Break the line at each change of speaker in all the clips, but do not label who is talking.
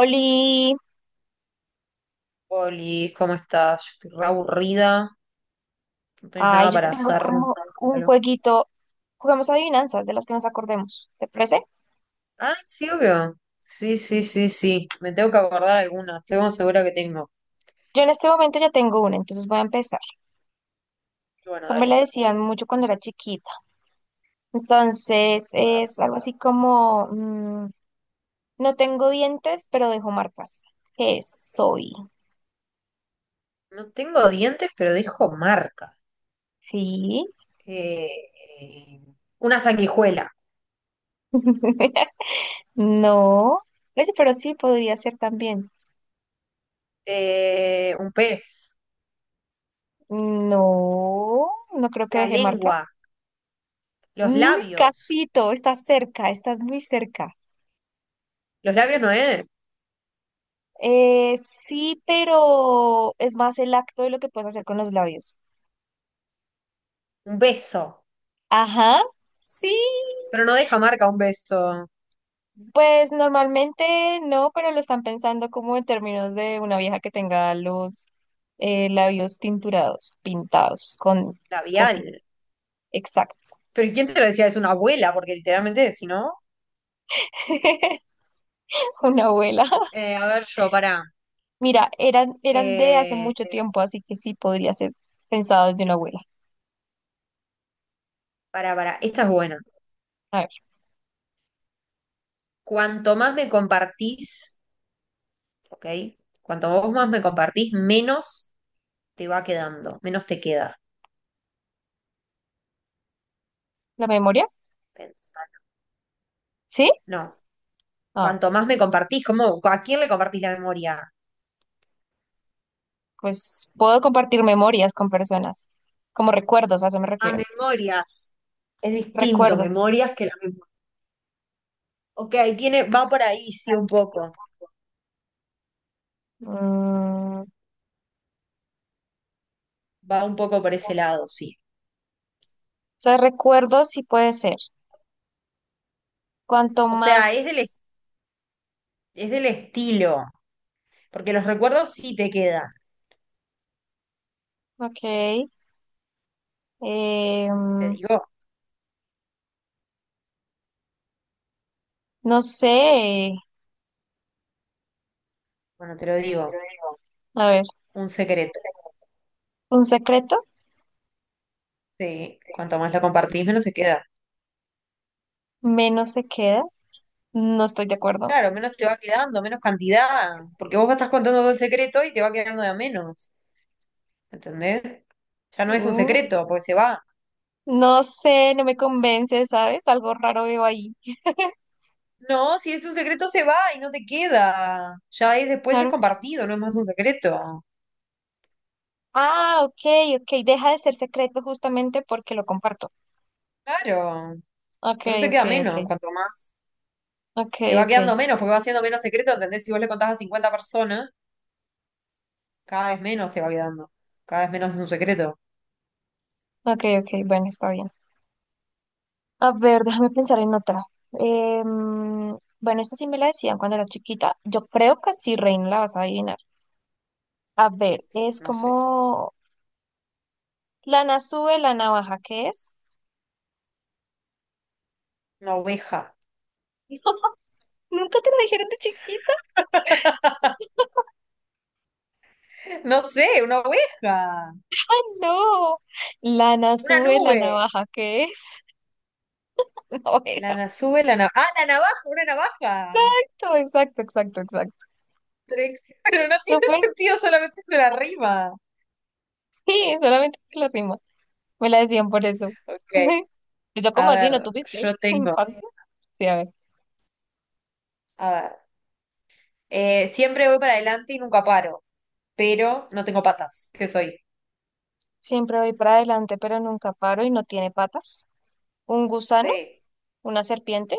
Oli,
Oli, ¿cómo estás? Yo estoy re aburrida. No tenés
ay,
nada
yo te
para
tengo
hacer. No
como
sé,
un
algo.
jueguito. Jugamos adivinanzas de las que nos acordemos. ¿Te parece?
Ah, sí, obvio. Sí, sí, sí, sí. Me tengo que acordar alguna. Estoy como segura que tengo.
Yo en este momento ya tengo una, entonces voy a empezar. O
Bueno,
sea, me la
dale.
decían mucho cuando era chiquita. Entonces
A ver.
es algo así como, no tengo dientes, pero dejo marcas. ¿Qué soy?
No tengo dientes, pero dejo marca.
Sí.
Eh, eh, una sanguijuela.
No. Oye, pero sí, podría ser también.
Un pez.
No, no creo que
La
deje marca.
lengua. Los
Mm,
labios.
Casito, estás cerca, estás muy cerca.
Los labios no es.
Sí, pero es más el acto de lo que puedes hacer con los labios.
Un beso.
Ajá, sí,
Pero no deja marca un beso
pues normalmente no, pero lo están pensando como en términos de una vieja que tenga los labios tinturados, pintados, con
labial.
cositas. Exacto.
Pero ¿quién te lo decía? Es una abuela, porque literalmente, si no.
Una abuela.
A ver yo, pará.
Mira, eran de hace
Eh,
mucho tiempo, así que sí podría ser pensado desde una abuela.
Pará, pará. Esta es buena.
A ver,
Cuanto más me compartís, ¿ok? Cuanto vos más me compartís, menos te va quedando, menos te queda.
¿la memoria?
Pensar.
¿Sí?
No. Cuanto más me compartís, ¿cómo, ¿a quién le compartís la memoria?
Pues puedo compartir memorias con personas, como recuerdos, a eso me
A
refiero.
memorias. Es distinto,
Recuerdos.
memorias que la memoria. Ok, tiene, va por ahí, sí, un poco.
Mm, o
Va un poco por ese lado, sí.
sea, recuerdos sí puede ser. Cuanto
O sea, es del,
más,
es del estilo. Porque los recuerdos sí te quedan.
ok, eh,
Te digo.
no sé,
Bueno, te lo digo,
a ver,
un secreto.
un secreto,
Sí, cuanto más lo compartís, menos se queda.
menos se queda, no estoy de acuerdo.
Claro, menos te va quedando, menos cantidad, porque vos estás contando todo el secreto y te va quedando de a menos, ¿entendés? Ya no es un
Mm,
secreto, porque se va.
no sé, no me convence, ¿sabes? Algo raro veo ahí.
No, si es un secreto se va y no te queda. Ya es después es
Claro.
compartido, no es más un secreto.
Ah, ok, ok, deja de ser secreto justamente porque lo comparto.
Claro.
Ok,
Por eso te
ok,
queda menos,
ok,
cuanto más.
ok,
Te va
ok.
quedando menos, porque va siendo menos secreto, ¿entendés? Si vos le contás a 50 personas, cada vez menos te va quedando. Cada vez menos es un secreto.
Ok, ok, bueno, está bien. A ver, déjame pensar en otra. Bueno, esta sí me la decían cuando era chiquita. Yo creo que sí, Reina, la vas a adivinar. A ver, es
No sé.
como lana sube, la navaja, ¿qué es?
Una oveja.
Nunca te la dijeron de chiquita,
No sé, una oveja,
no. Lana
una
sube, la
nube.
navaja, ¿qué es? Una
La
oveja.
na- sube la navaja. Ah, la navaja, una navaja.
No, exacto, exacto, exacto.
Pero, ex- pero no tiene
Súper,
sentido, solamente es una rima.
sí, solamente que la rima. Me la decían por eso.
Ok,
Yo como
a
así, ¿no
ver,
tuviste
yo tengo.
infancia? Sí, a ver.
A ver, siempre voy para adelante y nunca paro, pero no tengo patas. ¿Qué soy?
Siempre voy para adelante, pero nunca paro y no tiene patas. Un gusano,
Sí.
una serpiente,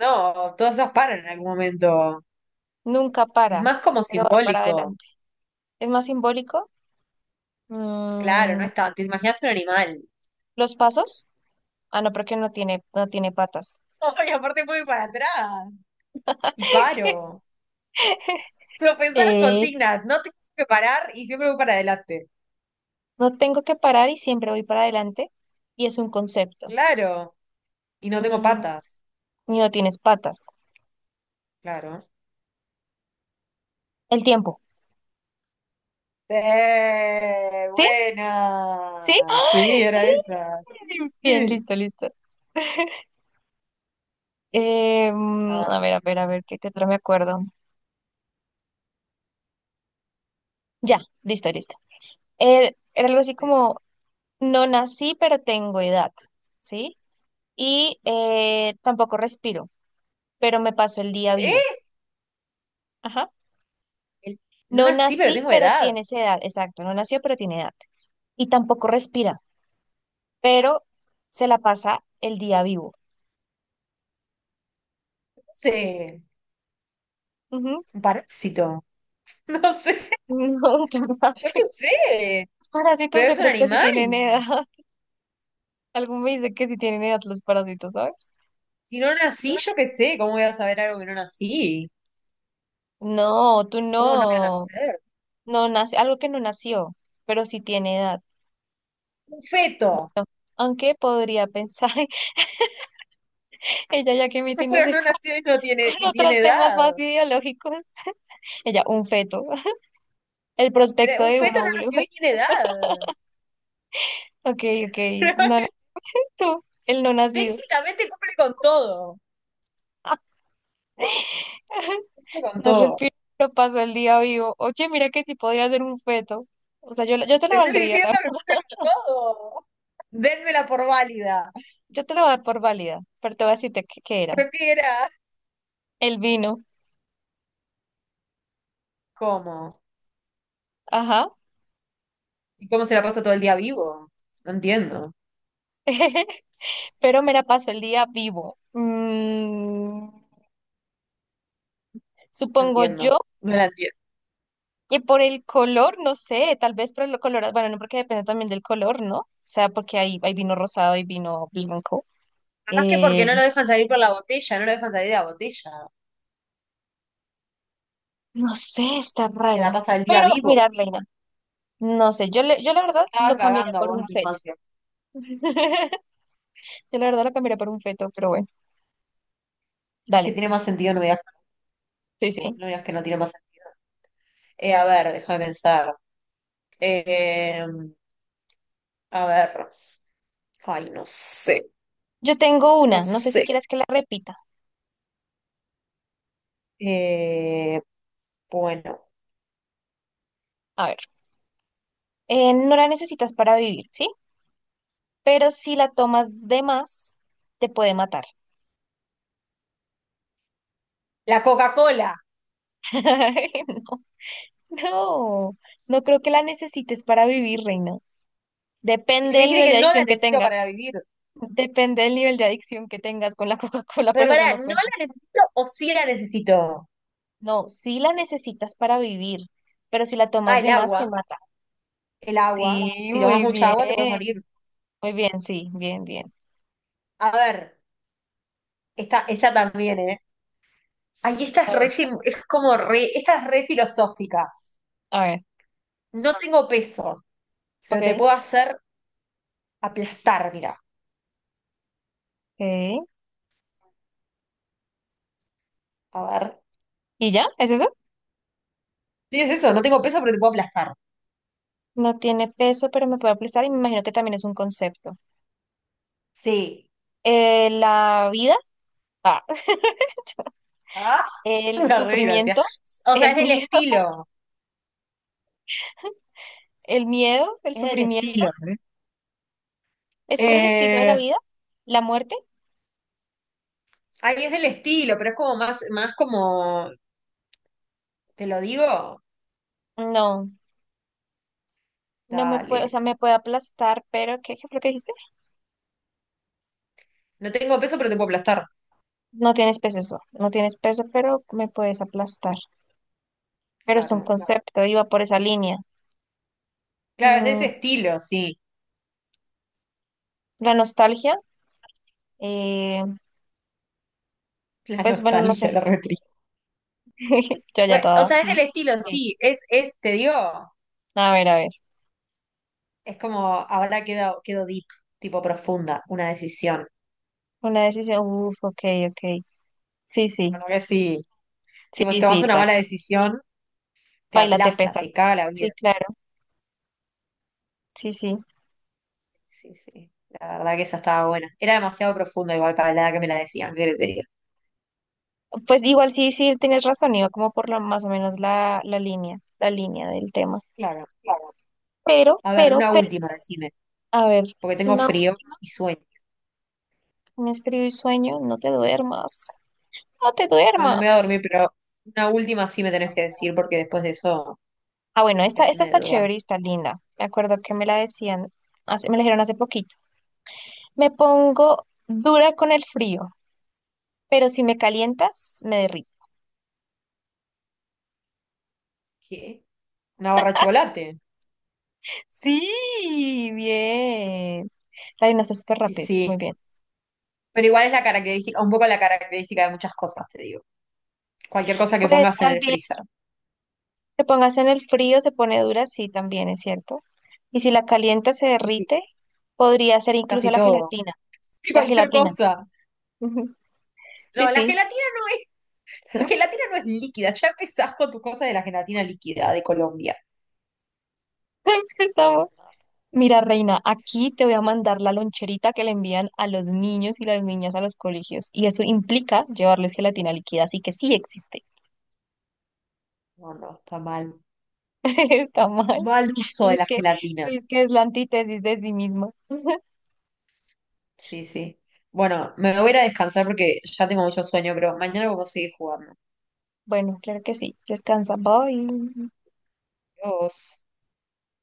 No, todas esas paran en algún momento.
nunca
Es
para,
más como
pero va para
simbólico.
adelante. Es más simbólico.
Claro, no
mm,
es tanto. Te imaginaste un animal.
los pasos. Ah, no, porque no tiene patas.
Y aparte voy para atrás. Y paro. Pero pensá las
Eh,
consignas, no tengo que parar y siempre voy para adelante.
no tengo que parar y siempre voy para adelante. Y es un concepto.
Claro. Y no tengo
Mm,
patas.
y no tienes patas.
Claro.
El tiempo.
Sí,
¿Sí? ¿Sí?
buena. Sí, era
¡Ay!
esa.
Bien,
Sí.
listo, listo.
A ver,
A ver, a
decime
ver, a
una.
ver, ¿qué otro me acuerdo? Ya, listo, listo. Era algo así
Sí.
como, no nací, pero tengo edad, ¿sí? Y tampoco respiro, pero me paso el día vivo.
¿Eh?
Ajá.
El- No
No
nací, pero
nací,
tengo
pero
edad.
tienes edad, exacto, no nació, pero tiene edad. Y tampoco respira, pero se la pasa el día vivo.
No sé.
Ujú.
Un parásito. No sé.
No, qué
Yo qué
fácil.
sé.
Los parásitos
Pero
yo
es un
creo que sí
animal.
tienen edad. Algo me dice que sí tienen edad los parásitos, ¿sabes?
Si no nací, yo qué sé. ¿Cómo voy a saber algo que no nací?
No, tú
¿Cómo no voy a
no.
nacer?
No nace, algo que no nació, pero sí tiene edad.
Un feto.
Aunque podría pensar, ella ya que
Pero
metiéndose así
no
con
nació y no tiene, y tiene
otros temas más
edad.
ideológicos, ella, un feto, el
Pero
prospecto
un
de un
feto no
óvulo.
nació y tiene edad.
Ok, ok, no, no, tú, el no nacido.
Técnicamente cumple con todo. Cumple con
No
todo.
respiro, pero paso el día vivo. Oye, mira que sí podría ser un feto. O sea, yo, yo te lo
Te estoy
valdría,
diciendo que cumple con todo. Dénmela por válida.
yo te lo voy a dar por válida, pero te voy a decirte qué era.
Pero ¿qué era?
El vino,
¿Cómo?
ajá.
¿Y cómo se la pasa todo el día vivo? No entiendo.
Pero me la paso el día vivo. Mm,
No
supongo yo.
entiendo. No la entiendo.
Y por el color, no sé, tal vez por el color, bueno, no porque depende también del color, ¿no? O sea, porque hay vino rosado y vino blanco.
Capaz que porque
Eh,
no lo dejan salir por la botella, no lo dejan salir de la botella.
no sé, está
Y se la
raro.
pasa el día
Pero
vivo.
mira, Reina, no sé, yo, yo la
Te
verdad
estaban
lo cambiaría
cagando a
por
vos en
un
tu
feto.
infancia.
Yo la verdad lo cambiaría por un feto, pero bueno,
Es que
dale.
tiene más sentido, no me digas,
Sí, sí.
no me digas que no tiene más sentido. A ver, déjame pensar. Eh, a ver, ay, no sé,
Yo tengo
no
una, no sé si
sé.
quieres que la repita.
Eh, bueno,
A ver, no la necesitas para vivir, ¿sí? Pero si la tomas de más, te puede matar.
la Coca-Cola.
No, no creo que la necesites para vivir, reina.
Y si
Depende
me
del
dijiste
nivel
que
de
no la
adicción que
necesito
tengas.
para vivir.
Depende del nivel de adicción que tengas con la Coca-Cola,
Pero
pero eso
pará,
no
¿no
cuenta.
la necesito o sí la necesito?
No, sí la necesitas para vivir, pero si la
Ah,
tomas
el
de más, te
agua,
mata.
el agua.
Sí,
Si tomas
muy
mucha agua te puedes morir.
bien. Muy bien, sí, bien, bien.
A ver, esta también, ¿eh? Ay, esta
A
es
ver,
re, sim- es como re, esta es re filosófica.
a ver,
No tengo peso, pero te
ok,
puedo hacer aplastar, mira.
ok.
A ver.
¿Y ya? ¿Es eso?
Sí, es eso, no tengo peso, pero te puedo aplastar.
No tiene peso, pero me puede aplastar y me imagino que también es un concepto.
Sí.
La vida, ah,
Ah,
el
una re gracia.
sufrimiento,
O sea,
el
es del
miedo.
estilo.
¿El miedo, el
Es del
sufrimiento?
estilo. ¿Eh?
¿Es por el estilo de la
Eh,
vida? ¿La muerte?
Ay, es del estilo, pero es como más, más como. ¿Te lo digo?
No, no me puede, o
Dale.
sea, me puede aplastar, pero ¿qué fue lo que dijiste?
No tengo peso, pero te puedo aplastar.
No tienes peso eso, no tienes peso, pero me puedes aplastar. Pero es un
Claro.
concepto, iba por esa línea.
Claro, es de ese
Mm,
estilo, sí.
la nostalgia, eh,
La
pues bueno, no sé,
nostalgia, la re triste.
yo ya
Bueno, o
toda.
sea, es del
Sí,
estilo,
sí.
sí. Es, te digo,
A ver,
es como ahora quedo, quedo deep, tipo profunda, una decisión.
una decisión, uf, ok, ok. Sí, sí,
Bueno, que sí. Tipo, si
sí,
tomas
sí,
una
tal.
mala decisión. Te
Baila te
aplasta,
pesa.
te caga la vida.
Sí, claro, sí, sí.
Sí, sí, la verdad que esa estaba buena. Era demasiado profunda igual para la edad que me la decían, ¿qué te diga?
Pues igual sí, sí, tienes razón, iba como por la más o menos la línea del tema.
Claro.
Claro.
A ver, una
Pero,
última, decime,
a ver,
porque tengo
no,
frío y sueño.
me escribo y sueño, no te duermas, no te
No, no me voy a
duermas.
dormir, pero una última sí me tenés que decir, porque después de eso,
Ah, bueno,
capaz que
esta,
sí
esta
me
está
duermo.
chévere y está linda. Me acuerdo que me la decían, me la dijeron hace poquito. Me pongo dura con el frío, pero si me calientas, me derrito.
¿Qué? ¿Una barra de chocolate?
Sí, bien. La adivinaste súper
Y
rápido,
sí.
muy bien.
Pero igual es la característica, un poco la característica de muchas cosas, te digo. Cualquier cosa que
Pues
pongas en
tal.
el freezer.
Que pongas en el frío, se pone dura, sí, también es cierto. Y si la calienta, se
Y sí,
derrite, podría ser incluso
casi
la
todo.
gelatina.
Sí,
La
cualquier
gelatina.
cosa.
Ujú. Sí,
No, la
sí.
gelatina no es, la
Nos-
gelatina no es líquida. Ya empezás con tus cosas de la gelatina líquida de Colombia.
Empezamos. Mira, reina, aquí te voy a mandar la loncherita que le envían a los niños y las niñas a los colegios. Y eso implica llevarles gelatina líquida, así que sí existe.
No, no, no, está mal.
Está mal.
Mal uso de
Tienes
la
que,
gelatina.
tienes que es la antítesis de sí mismo.
Sí, sí. Bueno, me voy a ir a descansar porque ya tengo mucho sueño, pero mañana vamos a seguir jugando.
Bueno, claro que sí. Descansa. Bye.
Adiós.